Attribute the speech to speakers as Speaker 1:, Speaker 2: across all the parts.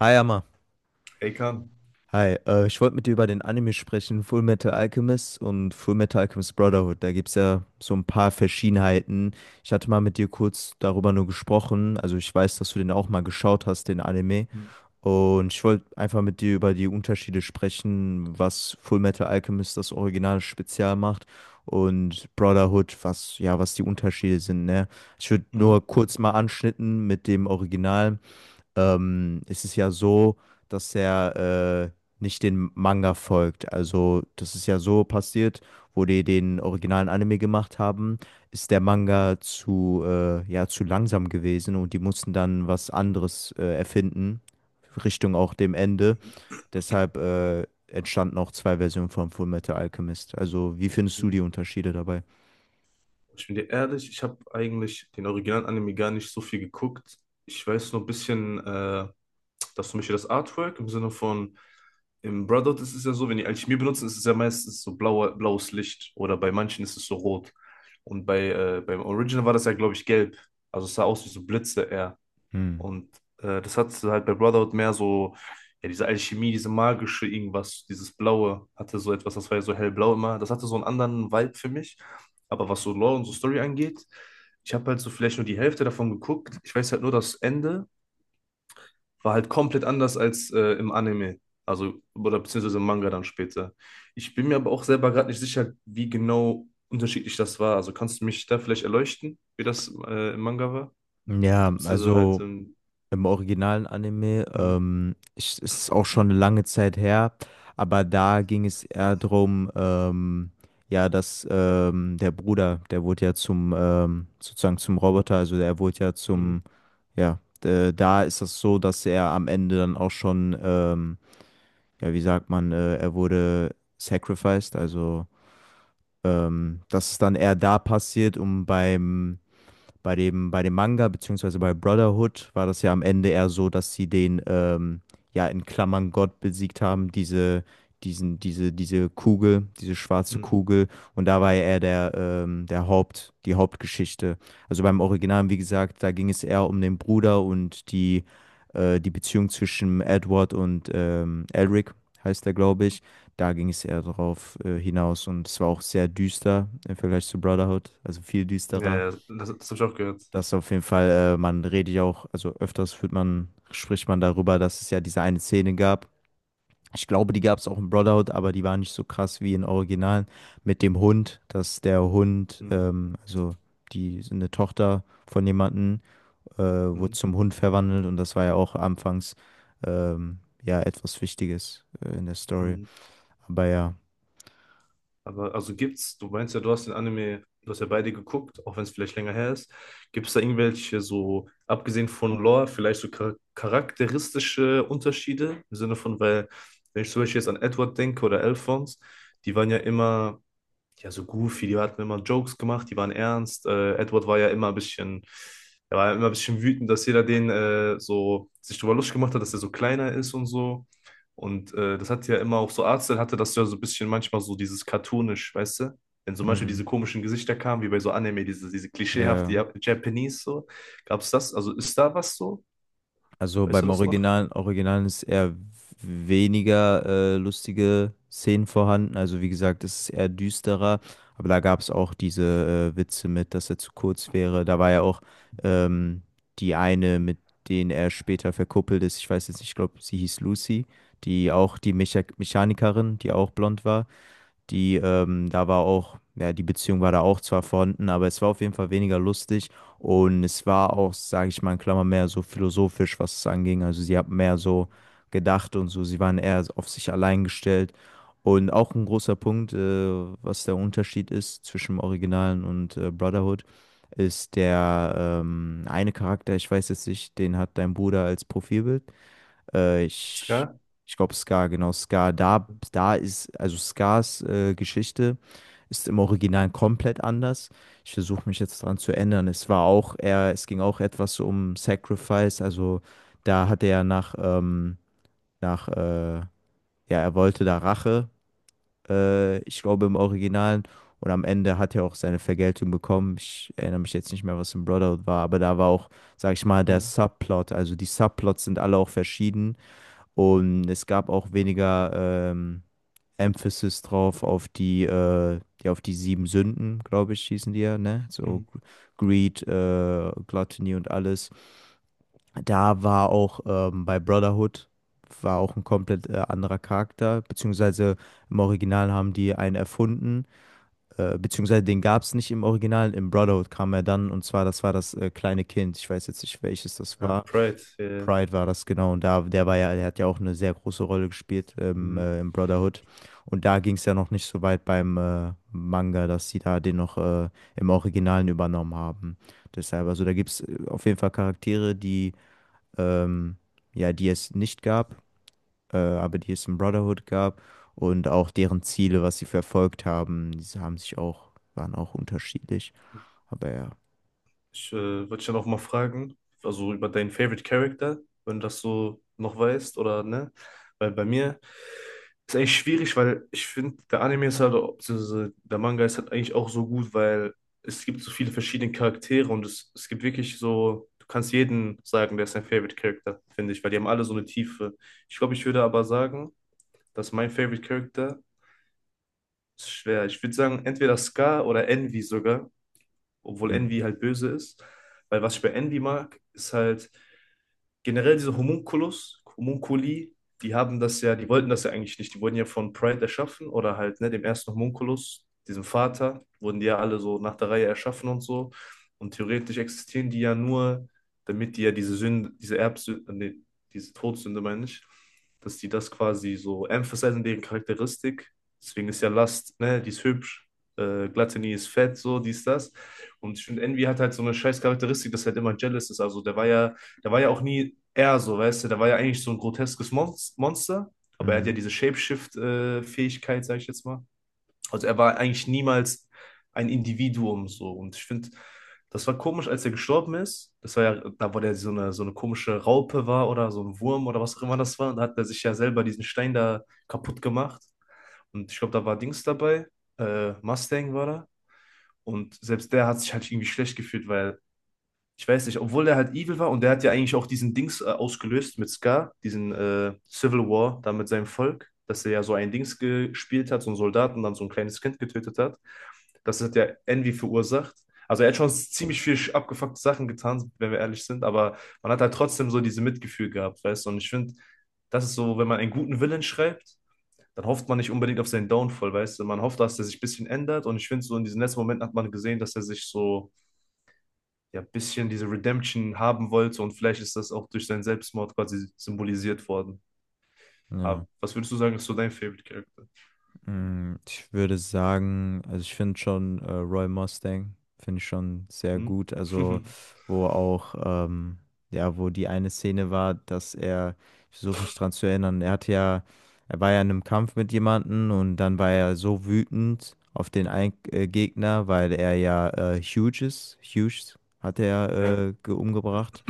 Speaker 1: Hi, Amma.
Speaker 2: Ey, Kahn.
Speaker 1: Hi, ich wollte mit dir über den Anime sprechen, Full Metal Alchemist und Full Metal Alchemist Brotherhood. Da gibt es ja so ein paar Verschiedenheiten. Ich hatte mal mit dir kurz darüber nur gesprochen. Also ich weiß, dass du den auch mal geschaut hast, den Anime.
Speaker 2: Mhm.
Speaker 1: Und ich wollte einfach mit dir über die Unterschiede sprechen, was Full Metal Alchemist das Original speziell macht und Brotherhood, was ja, was die Unterschiede sind, ne? Ich würde
Speaker 2: Mhm.
Speaker 1: nur kurz mal anschnitten mit dem Original. Ist es ja so, dass er nicht den Manga folgt. Also, das ist ja so passiert, wo die den originalen Anime gemacht haben, ist der Manga ja, zu langsam gewesen und die mussten dann was anderes erfinden, Richtung auch dem Ende. Deshalb entstanden auch zwei Versionen von Fullmetal Alchemist. Also, wie findest du
Speaker 2: Mhm.
Speaker 1: die Unterschiede dabei?
Speaker 2: Ich bin dir ehrlich, ich habe eigentlich den Original Anime gar nicht so viel geguckt. Ich weiß nur ein bisschen, dass zum Beispiel das Artwork im Sinne von im Brotherhood ist es ja so, wenn die Alchemie benutzen, ist es ja meistens so blauer, blaues Licht oder bei manchen ist es so rot. Und bei, beim Original war das ja, glaube ich, gelb. Also es sah aus wie so Blitze eher.
Speaker 1: Hm.
Speaker 2: Und das hat halt bei Brotherhood mehr so, ja, diese Alchemie, diese magische irgendwas, dieses Blaue hatte so etwas, das war ja so hellblau immer. Das hatte so einen anderen Vibe für mich. Aber was so Lore und so Story angeht, ich habe halt so vielleicht nur die Hälfte davon geguckt. Ich weiß halt nur, das Ende war halt komplett anders als im Anime. Also, oder beziehungsweise im Manga dann später. Ich bin mir aber auch selber gerade nicht sicher, wie genau unterschiedlich das war. Also kannst du mich da vielleicht erleuchten, wie das im Manga war?
Speaker 1: Ja,
Speaker 2: Beziehungsweise halt
Speaker 1: also.
Speaker 2: im.
Speaker 1: Im originalen Anime,
Speaker 2: Mhm.
Speaker 1: es ist auch schon eine lange Zeit her, aber da ging es eher darum, ja, dass der Bruder, der wurde ja zum, sozusagen zum Roboter, also der wurde ja
Speaker 2: Mhm.
Speaker 1: zum, ja, da ist das so, dass er am Ende dann auch schon, ja, wie sagt man, er wurde sacrificed, also das ist dann eher da passiert, um beim bei dem Manga beziehungsweise bei Brotherhood war das ja am Ende eher so, dass sie den, ja, in Klammern Gott besiegt haben, diese Kugel, diese schwarze
Speaker 2: Mhm.
Speaker 1: Kugel. Und da war ja eher der Haupt, die Hauptgeschichte. Also beim Original, wie gesagt, da ging es eher um den Bruder und die, die Beziehung zwischen Edward und Elric, heißt der, glaube ich. Da ging es eher drauf hinaus und es war auch sehr düster im Vergleich zu Brotherhood, also viel
Speaker 2: Ja,
Speaker 1: düsterer.
Speaker 2: ja, das habe ich auch gehört.
Speaker 1: Das auf jeden Fall, man redet ja auch, also öfters spricht man darüber, dass es ja diese eine Szene gab. Ich glaube, die gab es auch in Brotherhood, aber die war nicht so krass wie in Originalen mit dem Hund, dass der Hund,
Speaker 2: Hm,
Speaker 1: also die eine Tochter von jemandem, wurde
Speaker 2: hm,
Speaker 1: zum Hund verwandelt und das war ja auch anfangs ja etwas Wichtiges in der Story.
Speaker 2: hm.
Speaker 1: Aber ja,
Speaker 2: Aber also gibt's, du meinst ja, du hast den Anime, du hast ja beide geguckt, auch wenn es vielleicht länger her ist. Gibt es da irgendwelche so, abgesehen von Lore, vielleicht so charakteristische Unterschiede? Im Sinne von, weil, wenn ich zum Beispiel jetzt an Edward denke oder Alphonse, die waren ja immer ja, so goofy, die hatten immer Jokes gemacht, die waren ernst. Edward war ja immer ein bisschen, er war ja immer ein bisschen wütend, dass jeder den so sich drüber lustig gemacht hat, dass er so kleiner ist und so. Und das hat ja immer auch so Arzel hatte das ja so ein bisschen manchmal so dieses cartoonisch, weißt du? Wenn zum Beispiel
Speaker 1: mhm.
Speaker 2: diese komischen Gesichter kamen, wie bei so Anime, diese klischeehafte
Speaker 1: der
Speaker 2: Japanese so. Gab's das? Also ist da was so?
Speaker 1: Also
Speaker 2: Weißt du
Speaker 1: beim
Speaker 2: das noch?
Speaker 1: Originalen, Originalen ist eher weniger lustige Szenen vorhanden. Also wie gesagt, es ist eher düsterer. Aber da gab es auch diese Witze mit, dass er zu kurz wäre. Da war ja auch ähm, die eine, mit denen er später verkuppelt ist. Ich weiß jetzt nicht, ich glaube, sie hieß Lucy, die auch die Mechanikerin, die auch blond war. Da war auch, ja, die Beziehung war da auch zwar vorhanden, aber es war auf jeden Fall weniger lustig und es war auch, sage ich mal, in Klammern mehr so philosophisch, was es anging. Also sie hat mehr so gedacht und so, sie waren eher auf sich allein gestellt. Und auch ein großer Punkt, was der Unterschied ist zwischen dem Originalen und Brotherhood, ist der eine Charakter, ich weiß jetzt nicht, den hat dein Bruder als Profilbild. Äh, ich
Speaker 2: Ska?
Speaker 1: ich glaube Scar, genau, Scar. Also Scars Geschichte ist im Original komplett anders. Ich versuche mich jetzt dran zu ändern. Es war auch eher, es ging auch etwas so um Sacrifice, also da hat er nach, nach, ja, er wollte da Rache, ich glaube im Original. Und am Ende hat er auch seine Vergeltung bekommen. Ich erinnere mich jetzt nicht mehr, was im Brotherhood war, aber da war auch, sag ich mal, der
Speaker 2: Hm.
Speaker 1: Subplot. Also die Subplots sind alle auch verschieden. Und es gab auch weniger Emphasis drauf auf die, ja, auf die sieben Sünden, glaube ich, hießen die ja, ne? So
Speaker 2: Hm.
Speaker 1: Greed, Gluttony und alles. Da war auch bei Brotherhood war auch ein komplett anderer Charakter, beziehungsweise im Original haben die einen erfunden, beziehungsweise den gab es nicht im Original, im Brotherhood kam er dann und zwar, das war das kleine Kind. Ich weiß jetzt nicht, welches das
Speaker 2: Ah,
Speaker 1: war.
Speaker 2: Pride. Yeah.
Speaker 1: Pride war das genau und da, der war ja, der hat ja auch eine sehr große Rolle gespielt im Brotherhood und da ging es ja noch nicht so weit beim Manga, dass sie da den noch im Originalen übernommen haben. Deshalb, also da gibt es auf jeden Fall Charaktere, die ähm, ja, die es nicht gab, aber die es in Brotherhood gab und auch deren Ziele, was sie verfolgt haben, diese haben sich auch, waren auch unterschiedlich. Aber ja.
Speaker 2: Ich wollte dich dann auch mal fragen, also über deinen Favorite Character, wenn du das so noch weißt oder ne? Weil bei mir ist eigentlich schwierig, weil ich finde, der Anime ist halt, beziehungsweise der Manga ist halt eigentlich auch so gut, weil es gibt so viele verschiedene Charaktere und es gibt wirklich so, du kannst jeden sagen, der ist dein Favorite Character, finde ich, weil die haben alle so eine Tiefe. Ich glaube, ich würde aber sagen, dass mein Favorite Character ist schwer. Ich würde sagen, entweder Scar oder Envy sogar, obwohl
Speaker 1: Mhm.
Speaker 2: Envy halt böse ist. Weil was ich bei Envy mag, ist halt generell diese Homunculus, Homunculi, die haben das ja, die wollten das ja eigentlich nicht. Die wurden ja von Pride erschaffen oder halt, ne, dem ersten Homunculus, diesem Vater, wurden die ja alle so nach der Reihe erschaffen und so. Und theoretisch existieren die ja nur, damit die ja diese Sünde, diese Erbsünde, nee, diese Todsünde meine ich, dass die das quasi so emphasisieren, deren Charakteristik. Deswegen ist ja Lust, ne, die ist hübsch, Gluttony ist fett, so, dies, das. Und ich finde, Envy hat halt so eine scheiß Charakteristik, dass er halt immer jealous ist. Also der war ja auch nie er so, weißt du, der war ja eigentlich so ein groteskes Monster, aber er hat ja
Speaker 1: Mhm.
Speaker 2: diese Shapeshift-Fähigkeit, sag ich jetzt mal. Also er war eigentlich niemals ein Individuum so. Und ich finde, das war komisch, als er gestorben ist. Das war ja, da wo der so eine komische Raupe war oder so ein Wurm oder was auch immer das war. Und da hat er sich ja selber diesen Stein da kaputt gemacht. Und ich glaube, da war Dings dabei. Mustang war da. Und selbst der hat sich halt irgendwie schlecht gefühlt, weil ich weiß nicht, obwohl der halt evil war und der hat ja eigentlich auch diesen Dings ausgelöst mit Scar, diesen Civil War da mit seinem Volk, dass er ja so ein Dings gespielt hat, so einen Soldaten, dann so ein kleines Kind getötet hat. Das hat ja Envy verursacht. Also er hat schon ziemlich viel abgefuckte Sachen getan, wenn wir ehrlich sind, aber man hat halt trotzdem so diese Mitgefühl gehabt, weißt du? Und ich finde, das ist so, wenn man einen guten Willen schreibt, dann hofft man nicht unbedingt auf seinen Downfall, weißt du? Man hofft, dass er sich ein bisschen ändert und ich finde, so in diesen letzten Momenten hat man gesehen, dass er sich so ja, ein bisschen diese Redemption haben wollte und vielleicht ist das auch durch seinen Selbstmord quasi symbolisiert worden.
Speaker 1: Ja.
Speaker 2: Aber was würdest du sagen, ist so dein Favorite Character?
Speaker 1: Ich würde sagen, also ich finde schon Roy Mustang, finde ich schon sehr
Speaker 2: Hm?
Speaker 1: gut. Also, wo auch, ähm, ja, wo die eine Szene war, dass er, ich versuche mich dran zu erinnern, er hatte ja, er war ja in einem Kampf mit jemandem und dann war er so wütend auf den ein Gegner, weil er ja Hughes hat er
Speaker 2: Ja,
Speaker 1: ja, umgebracht.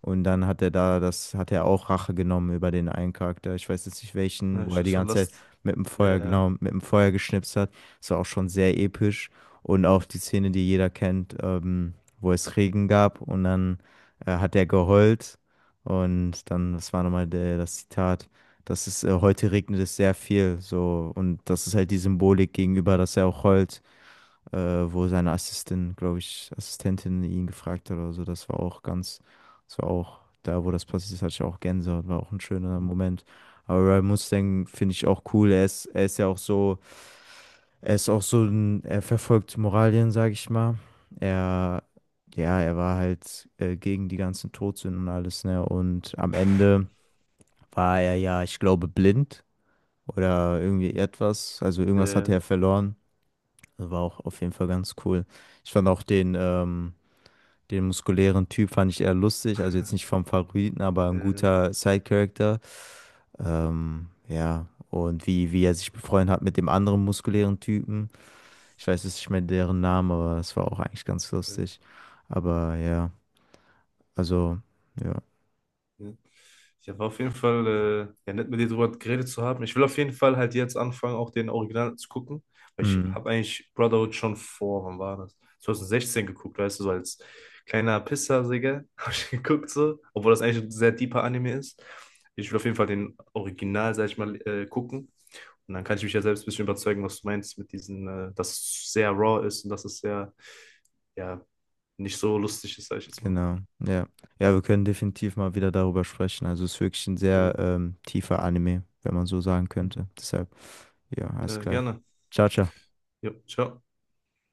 Speaker 1: Und dann hat er da, das hat er auch Rache genommen über den einen Charakter. Ich weiß jetzt nicht welchen,
Speaker 2: na,
Speaker 1: wo
Speaker 2: ich
Speaker 1: er die
Speaker 2: so
Speaker 1: ganze Zeit
Speaker 2: last.
Speaker 1: mit dem
Speaker 2: Ja,
Speaker 1: Feuer,
Speaker 2: ja.
Speaker 1: genau, mit dem Feuer geschnipst hat. Das war auch schon sehr episch. Und auch die Szene, die jeder kennt, wo es Regen gab und dann hat er geheult. Und dann, das war nochmal der, das Zitat, das ist, heute regnet es sehr viel, so. Und das ist halt die Symbolik gegenüber, dass er auch heult, wo seine Assistentin ihn gefragt hat oder so. Das war auch ganz, das war auch da, wo das passiert ist, hatte ich auch Gänsehaut, war auch ein schöner
Speaker 2: Hm.
Speaker 1: Moment. Aber Ryan Mustang finde ich auch cool. Er ist ja auch so, er ist auch so ein, er verfolgt Moralien, sage ich mal. Er, ja, er war halt gegen die ganzen Todsünden und alles, ne? Und am Ende war er ja, ich glaube, blind oder irgendwie etwas. Also irgendwas hatte
Speaker 2: Äh,
Speaker 1: er verloren. Das war auch auf jeden Fall ganz cool. Ich fand auch den, den muskulären Typ fand ich eher lustig. Also jetzt nicht vom Favoriten, aber ein
Speaker 2: äh,
Speaker 1: guter Side-Character. Ja, und wie er sich befreundet hat mit dem anderen muskulären Typen. Ich weiß jetzt nicht mehr deren Namen, aber es war auch eigentlich ganz
Speaker 2: äh.
Speaker 1: lustig. Aber ja, also, ja.
Speaker 2: Ja, ja, war auf jeden Fall ja, nett, mit dir drüber geredet zu haben. Ich will auf jeden Fall halt jetzt anfangen, auch den Original zu gucken, weil ich
Speaker 1: Mm,
Speaker 2: habe eigentlich Brotherhood schon vor, wann war das? 2016 geguckt, weißt du, so als kleiner Pisser, Digga, habe ich geguckt so, obwohl das eigentlich ein sehr deeper Anime ist. Ich will auf jeden Fall den Original, sag ich mal, gucken. Und dann kann ich mich ja selbst ein bisschen überzeugen, was du meinst mit dass es sehr raw ist und dass es sehr, ja, nicht so lustig ist, sag ich jetzt mal.
Speaker 1: genau, ja. Ja, wir können definitiv mal wieder darüber sprechen. Also es ist wirklich ein
Speaker 2: Äh,
Speaker 1: sehr tiefer Anime, wenn man so sagen
Speaker 2: hm.
Speaker 1: könnte. Deshalb, ja, alles
Speaker 2: Äh,
Speaker 1: klar.
Speaker 2: gerne.
Speaker 1: Ciao, ciao.
Speaker 2: Jo, ciao.